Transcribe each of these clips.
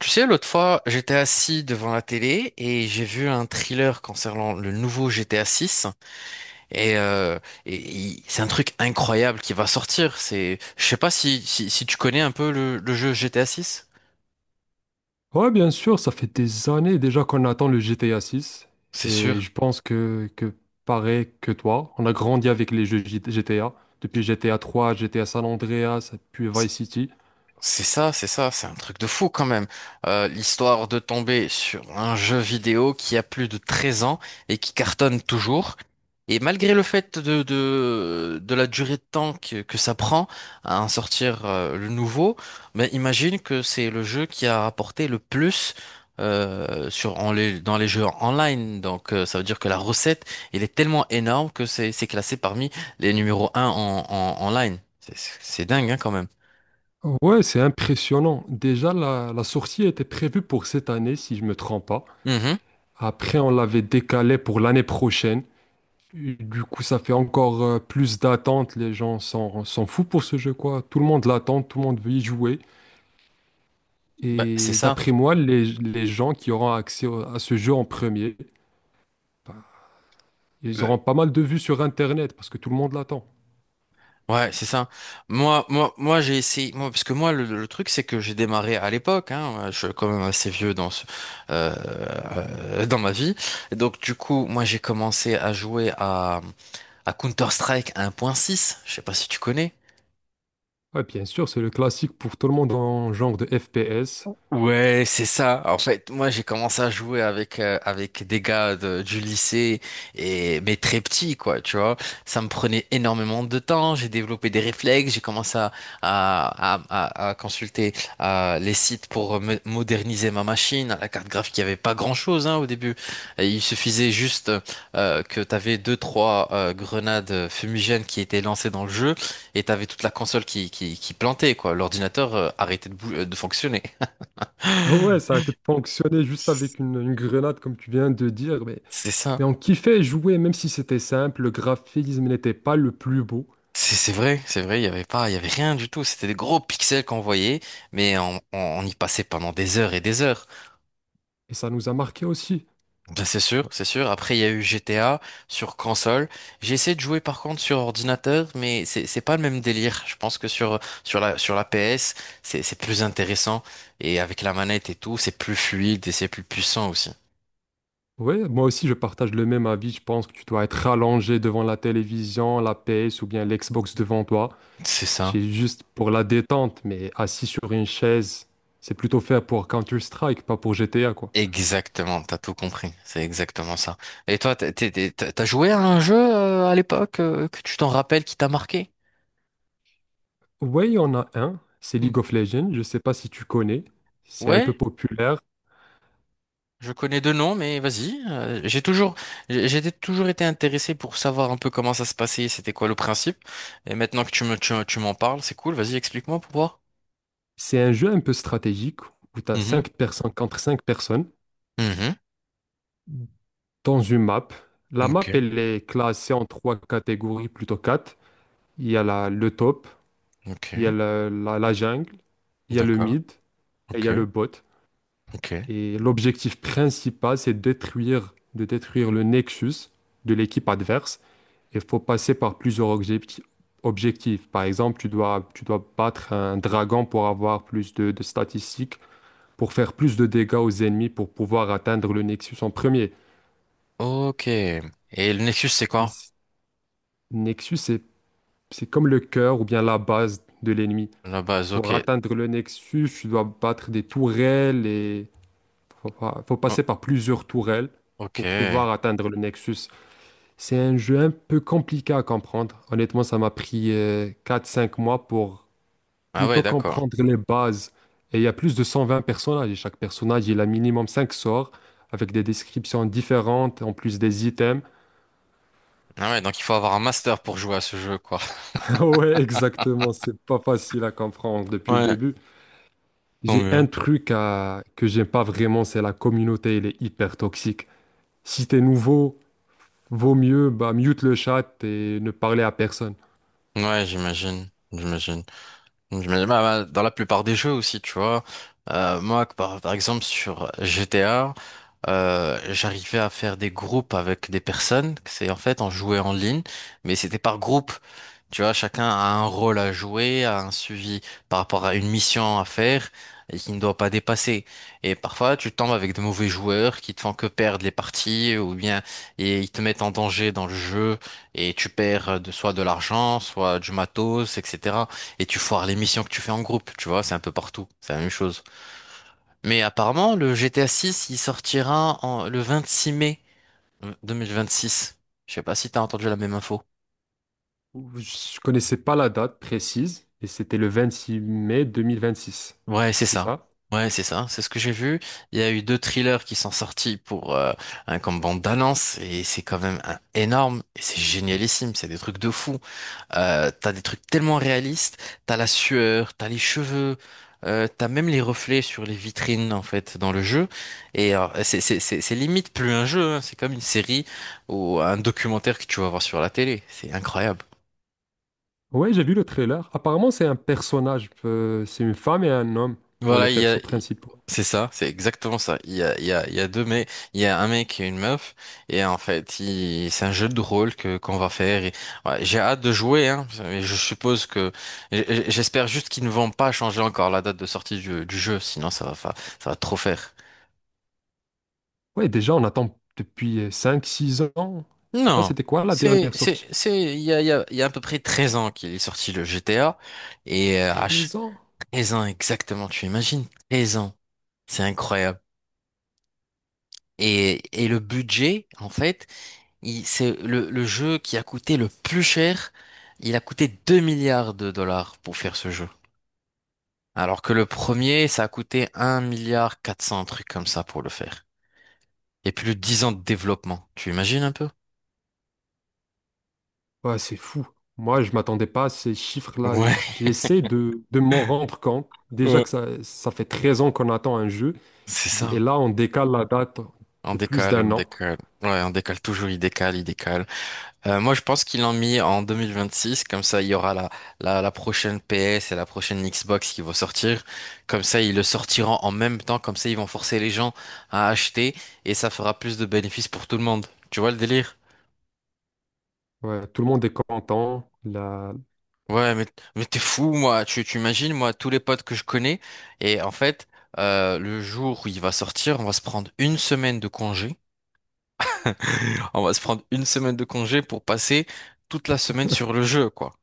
Tu sais, l'autre fois, j'étais assis devant la télé et j'ai vu un thriller concernant le nouveau GTA 6 et, euh, c'est un truc incroyable qui va sortir. Je sais pas si tu connais un peu le jeu GTA 6. Ouais, bien sûr, ça fait des années déjà qu'on attend le GTA 6, C'est et sûr. je pense que pareil que toi, on a grandi avec les jeux GTA, depuis GTA 3, GTA San Andreas, puis Vice City. C'est ça, c'est ça, c'est un truc de fou quand même. L'histoire de tomber sur un jeu vidéo qui a plus de 13 ans et qui cartonne toujours. Et malgré le fait de la durée de temps que ça prend à en sortir le nouveau, mais imagine que c'est le jeu qui a rapporté le plus dans les jeux online. Donc ça veut dire que la recette, elle est tellement énorme que c'est classé parmi les numéros un en line. C'est dingue, hein, quand même. Ouais, c'est impressionnant. Déjà, la sortie était prévue pour cette année, si je me trompe pas. Mm-hmm. Après, on l'avait décalée pour l'année prochaine. Et du coup, ça fait encore plus d'attente. Les gens s'en foutent pour ce jeu, quoi. Tout le monde l'attend, tout le monde veut y jouer. Bah, c'est Et ça. d'après moi, les gens qui auront accès à ce jeu en premier, ben, ils Euh, auront pas mal de vues sur Internet parce que tout le monde l'attend. Ouais, c'est ça. Moi, moi, moi, j'ai essayé. Moi, parce que moi, le truc, c'est que j'ai démarré à l'époque. Hein, je suis quand même assez vieux dans euh, dans ma vie. Et donc, du coup, moi, j'ai commencé à jouer à Counter-Strike 1.6. Je sais pas si tu connais. Ouais, bien sûr, c'est le classique pour tout le monde en genre de FPS. Ouais, c'est ça. En fait, moi, j'ai commencé à jouer avec avec des gars du lycée et mais très petits, quoi, tu vois. Ça me prenait énormément de temps. J'ai développé des réflexes. J'ai commencé à, à, à consulter les sites pour moderniser ma machine. La carte graphique, il y avait pas grand-chose, hein, au début. Et il suffisait juste que t'avais deux trois grenades fumigènes qui étaient lancées dans le jeu et t'avais toute la console qui plantait, quoi. L'ordinateur arrêtait de fonctionner. Ah ouais, ça a peut-être fonctionné juste avec une grenade, comme tu viens de dire, C'est ça. mais on kiffait jouer, même si c'était simple, le graphisme n'était pas le plus beau, C'est vrai, c'est vrai, il y avait pas, il y avait rien du tout. C'était des gros pixels qu'on voyait, mais on y passait pendant des heures et des heures. et ça nous a marqué aussi. Ben, c'est sûr, c'est sûr. Après, il y a eu GTA sur console. J'ai essayé de jouer par contre sur ordinateur, mais c'est pas le même délire. Je pense que sur la PS, c'est plus intéressant et avec la manette et tout, c'est plus fluide et c'est plus puissant aussi. Ouais, moi aussi, je partage le même avis, je pense que tu dois être rallongé devant la télévision, la PS ou bien l'Xbox devant toi. C'est ça. C'est juste pour la détente, mais assis sur une chaise, c'est plutôt fait pour Counter-Strike, pas pour GTA, quoi. Exactement, t'as tout compris, c'est exactement ça. Et toi, t'as joué à un jeu à l'époque que tu t'en rappelles qui t'a marqué? Ouais, il y en a un, c'est Hmm. League of Legends, je sais pas si tu connais, c'est un peu Ouais, populaire. je connais deux noms, mais vas-y. J'ai toujours, j'ai été- toujours été intéressé pour savoir un peu comment ça se passait, c'était quoi le principe. Et maintenant que tu m'en parles, c'est cool. Vas-y, explique-moi pour voir. C'est un jeu un peu stratégique où tu as Mhm. 5 personnes contre 5 personnes Mhm. dans une map. La map, Ok. elle est classée en trois catégories, plutôt quatre. Il y a le top, il y a Ok, la jungle, il y a le d'accord. mid et il y Ok, a le bot. ok, Et l'objectif principal, c'est détruire le nexus de l'équipe adverse. Il faut passer par plusieurs objectifs. Par exemple, tu dois battre un dragon pour avoir plus de statistiques, pour faire plus de dégâts aux ennemis, pour pouvoir atteindre le nexus en premier. ok. Et le Nexus, c'est Mais quoi? c- Nexus, c'est comme le cœur ou bien la base de l'ennemi. La base, Pour ok. atteindre le nexus, tu dois battre des tourelles et faut, faut Oh, passer par plusieurs tourelles ok. pour pouvoir atteindre le nexus. C'est un jeu un peu compliqué à comprendre. Honnêtement, ça m'a pris 4-5 mois pour Ah ouais, plutôt d'accord. comprendre les bases. Et il y a plus de 120 personnages, et chaque personnage, il a minimum 5 sorts avec des descriptions différentes, en plus des items. Ah ouais, donc il faut avoir un master pour jouer à ce jeu, quoi. Ouais, exactement, c'est pas facile à comprendre depuis le Ouais, début. tant J'ai mieux. un truc à... que j'aime pas vraiment, c'est la communauté, elle est hyper toxique. Si t'es nouveau, vaut mieux bah, mute le chat et ne parler à personne. Ouais, j'imagine. J'imagine. J'imagine, bah, dans la plupart des jeux aussi, tu vois. Moi, par exemple, sur GTA, j'arrivais à faire des groupes avec des personnes. C'est en fait, on jouait en ligne, mais c'était par groupe. Tu vois, chacun a un rôle à jouer, a un suivi par rapport à une mission à faire et qui ne doit pas dépasser. Et parfois, tu tombes avec de mauvais joueurs qui te font que perdre les parties ou bien et ils te mettent en danger dans le jeu et tu perds soit de l'argent, soit du matos, etc, et tu foires les missions que tu fais en groupe, tu vois, c'est un peu partout, c'est la même chose. Mais apparemment, le GTA 6, il sortira le 26 mai 2026. Je sais pas si t'as entendu la même info. Je connaissais pas la date précise et c'était le 26 mai 2026. Ouais, c'est C'est ça. ça? Ouais, c'est ça, c'est ce que j'ai vu. Il y a eu deux thrillers qui sont sortis pour un comme bande d'annonce et c'est quand même énorme, et c'est génialissime, c'est des trucs de fou. T'as des trucs tellement réalistes, t'as la sueur, t'as les cheveux, t'as même les reflets sur les vitrines en fait dans le jeu. Et c'est limite plus un jeu, hein. C'est comme une série ou un documentaire que tu vas voir sur la télé. C'est incroyable. Ouais, j'ai vu le trailer. Apparemment, c'est un personnage. Euh, c'est une femme et un homme pour les Voilà, il y a... persos principaux. c'est ça, c'est exactement ça. Il y a, il y a, il y a deux mecs, il y a un mec et une meuf, et en fait, c'est un jeu de rôle que qu'on va faire. Ouais, j'ai hâte de jouer, hein. Mais je suppose que, j- j'espère juste qu'ils ne vont pas changer encore la date de sortie du jeu, sinon ça va, ça va trop faire. Ouais, déjà, on attend depuis cinq, six ans. Je sais pas, Non, c'était quoi la dernière sortie? Il y a à peu près 13 ans qu'il est sorti le GTA, et euh, à ch- 13 ans? 13 ans exactement, tu imagines? 13 ans, c'est incroyable. Et le budget, en fait. C'est le jeu qui a coûté le plus cher. Il a coûté 2 milliards de dollars pour faire ce jeu. Alors que le premier, ça a coûté un milliard 400, un truc comme ça pour le faire. Et plus de 10 ans de développement. Tu imagines un peu? Ouais, c'est fou. Moi, je m'attendais pas à ces chiffres-là. Ouais, J'essaie de m'en rendre compte. Déjà ouais. que ça fait 13 ans qu'on attend un jeu. C'est Et ça. là, on décale la date On de plus décale, on d'un an. décale. Ouais, on décale toujours, il décale, il décale. Moi, je pense qu'ils l'ont mis en 2026. Comme ça, il y aura la prochaine PS et la prochaine Xbox qui vont sortir. Comme ça, ils le sortiront en même temps. Comme ça, ils vont forcer les gens à acheter, et ça fera plus de bénéfices pour tout le monde. Tu vois le délire? Ouais, tout le monde est content. La... Ouais, mais t'es fou, moi. Tu imagines, moi, tous les potes que je connais. Et en fait, le jour où il va sortir, on va se prendre une semaine de congé. On va se prendre une semaine de congé pour passer toute la semaine sur le jeu, quoi.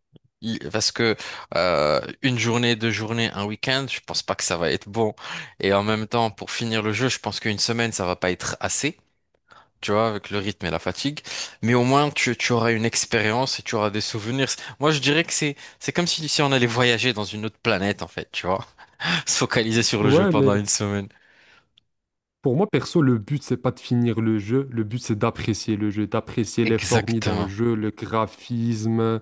Parce que une journée, deux journées, un week-end, je pense pas que ça va être bon. Et en même temps, pour finir le jeu, je pense qu'une semaine, ça va pas être assez, tu vois, avec le rythme et la fatigue. Mais au moins, tu auras une expérience et tu, auras des souvenirs. Moi, je dirais que c'est comme si on allait voyager dans une autre planète, en fait, tu vois. Se focaliser sur le jeu Ouais, mais pendant une semaine. pour moi, perso, le but, c'est pas de finir le jeu. Le but, c'est d'apprécier le jeu, d'apprécier l'effort mis dans le Exactement. jeu, le graphisme,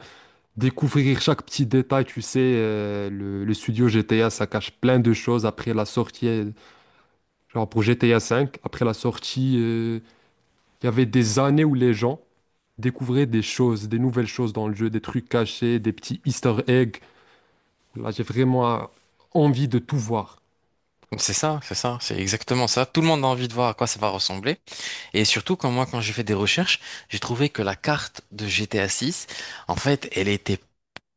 découvrir chaque petit détail. Tu sais, le studio GTA, ça cache plein de choses après la sortie. Euh, genre pour GTA V, après la sortie, il y avait des années où les gens découvraient des choses, des nouvelles choses dans le jeu, des trucs cachés, des petits easter eggs. Là, j'ai vraiment envie de tout voir. C'est ça, c'est ça, c'est exactement ça. Tout le monde a envie de voir à quoi ça va ressembler. Et surtout, quand moi, quand j'ai fait des recherches, j'ai trouvé que la carte de GTA 6, en fait, elle était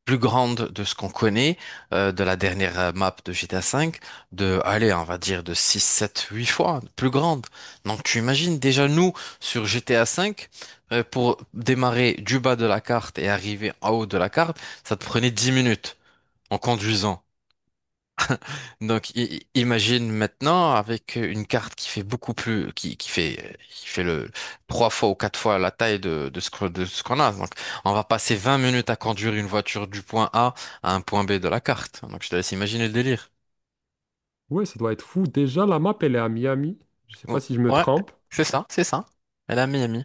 plus grande de ce qu'on connaît, de la dernière map de GTA 5, allez, on va dire de 6, 7, 8 fois plus grande. Donc, tu imagines déjà nous, sur GTA 5, pour démarrer du bas de la carte et arriver en haut de la carte, ça te prenait 10 minutes en conduisant. Donc, imagine maintenant avec une carte qui fait beaucoup plus, qui fait le trois fois ou quatre fois la taille de, de ce qu'on a. Donc, on va passer 20 minutes à conduire une voiture du point A à un point B de la carte. Donc, je te laisse imaginer le délire. Ouais, ça doit être fou. Déjà, la map, elle est à Miami. Je sais pas Oh, si je me ouais, trompe. c'est ça, c'est ça. Elle a Miami.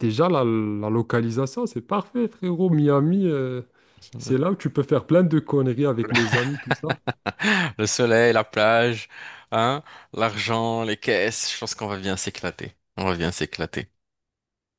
Déjà, la localisation, c'est parfait, frérot. Miami, c'est là où tu peux faire plein de conneries avec les amis, tout ça. Le soleil, la plage, hein, l'argent, les caisses. Je pense qu'on va bien s'éclater. On va bien s'éclater.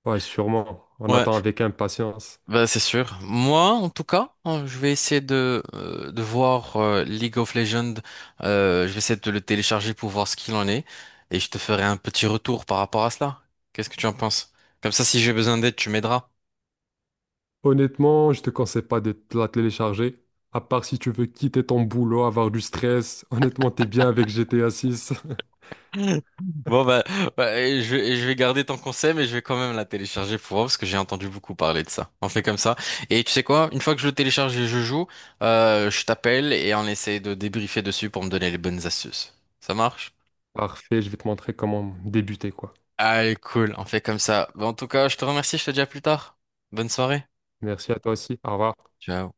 Ouais, sûrement. On Ouais. attend avec impatience. Bah, c'est sûr. Moi, en tout cas, hein, je vais essayer de voir League of Legends. Je vais essayer de le télécharger pour voir ce qu'il en est. Et je te ferai un petit retour par rapport à cela. Qu'est-ce que tu en penses? Comme ça, si j'ai besoin d'aide, tu m'aideras. Honnêtement, je te conseille pas de te la télécharger. À part si tu veux quitter ton boulot, avoir du stress. Honnêtement, t'es bien avec GTA 6. Bon, bah, bah, et je vais garder ton conseil, mais je vais quand même la télécharger pour voir parce que j'ai entendu beaucoup parler de ça. On fait comme ça. Et tu sais quoi? Une fois que je le télécharge et je joue, je t'appelle et on essaie de débriefer dessus pour me donner les bonnes astuces. Ça marche? Parfait, je vais te montrer comment débuter, quoi. Allez, cool, on fait comme ça. Bon, en tout cas, je te remercie, je te dis à plus tard. Bonne soirée. Merci à toi aussi. Au revoir. Ciao.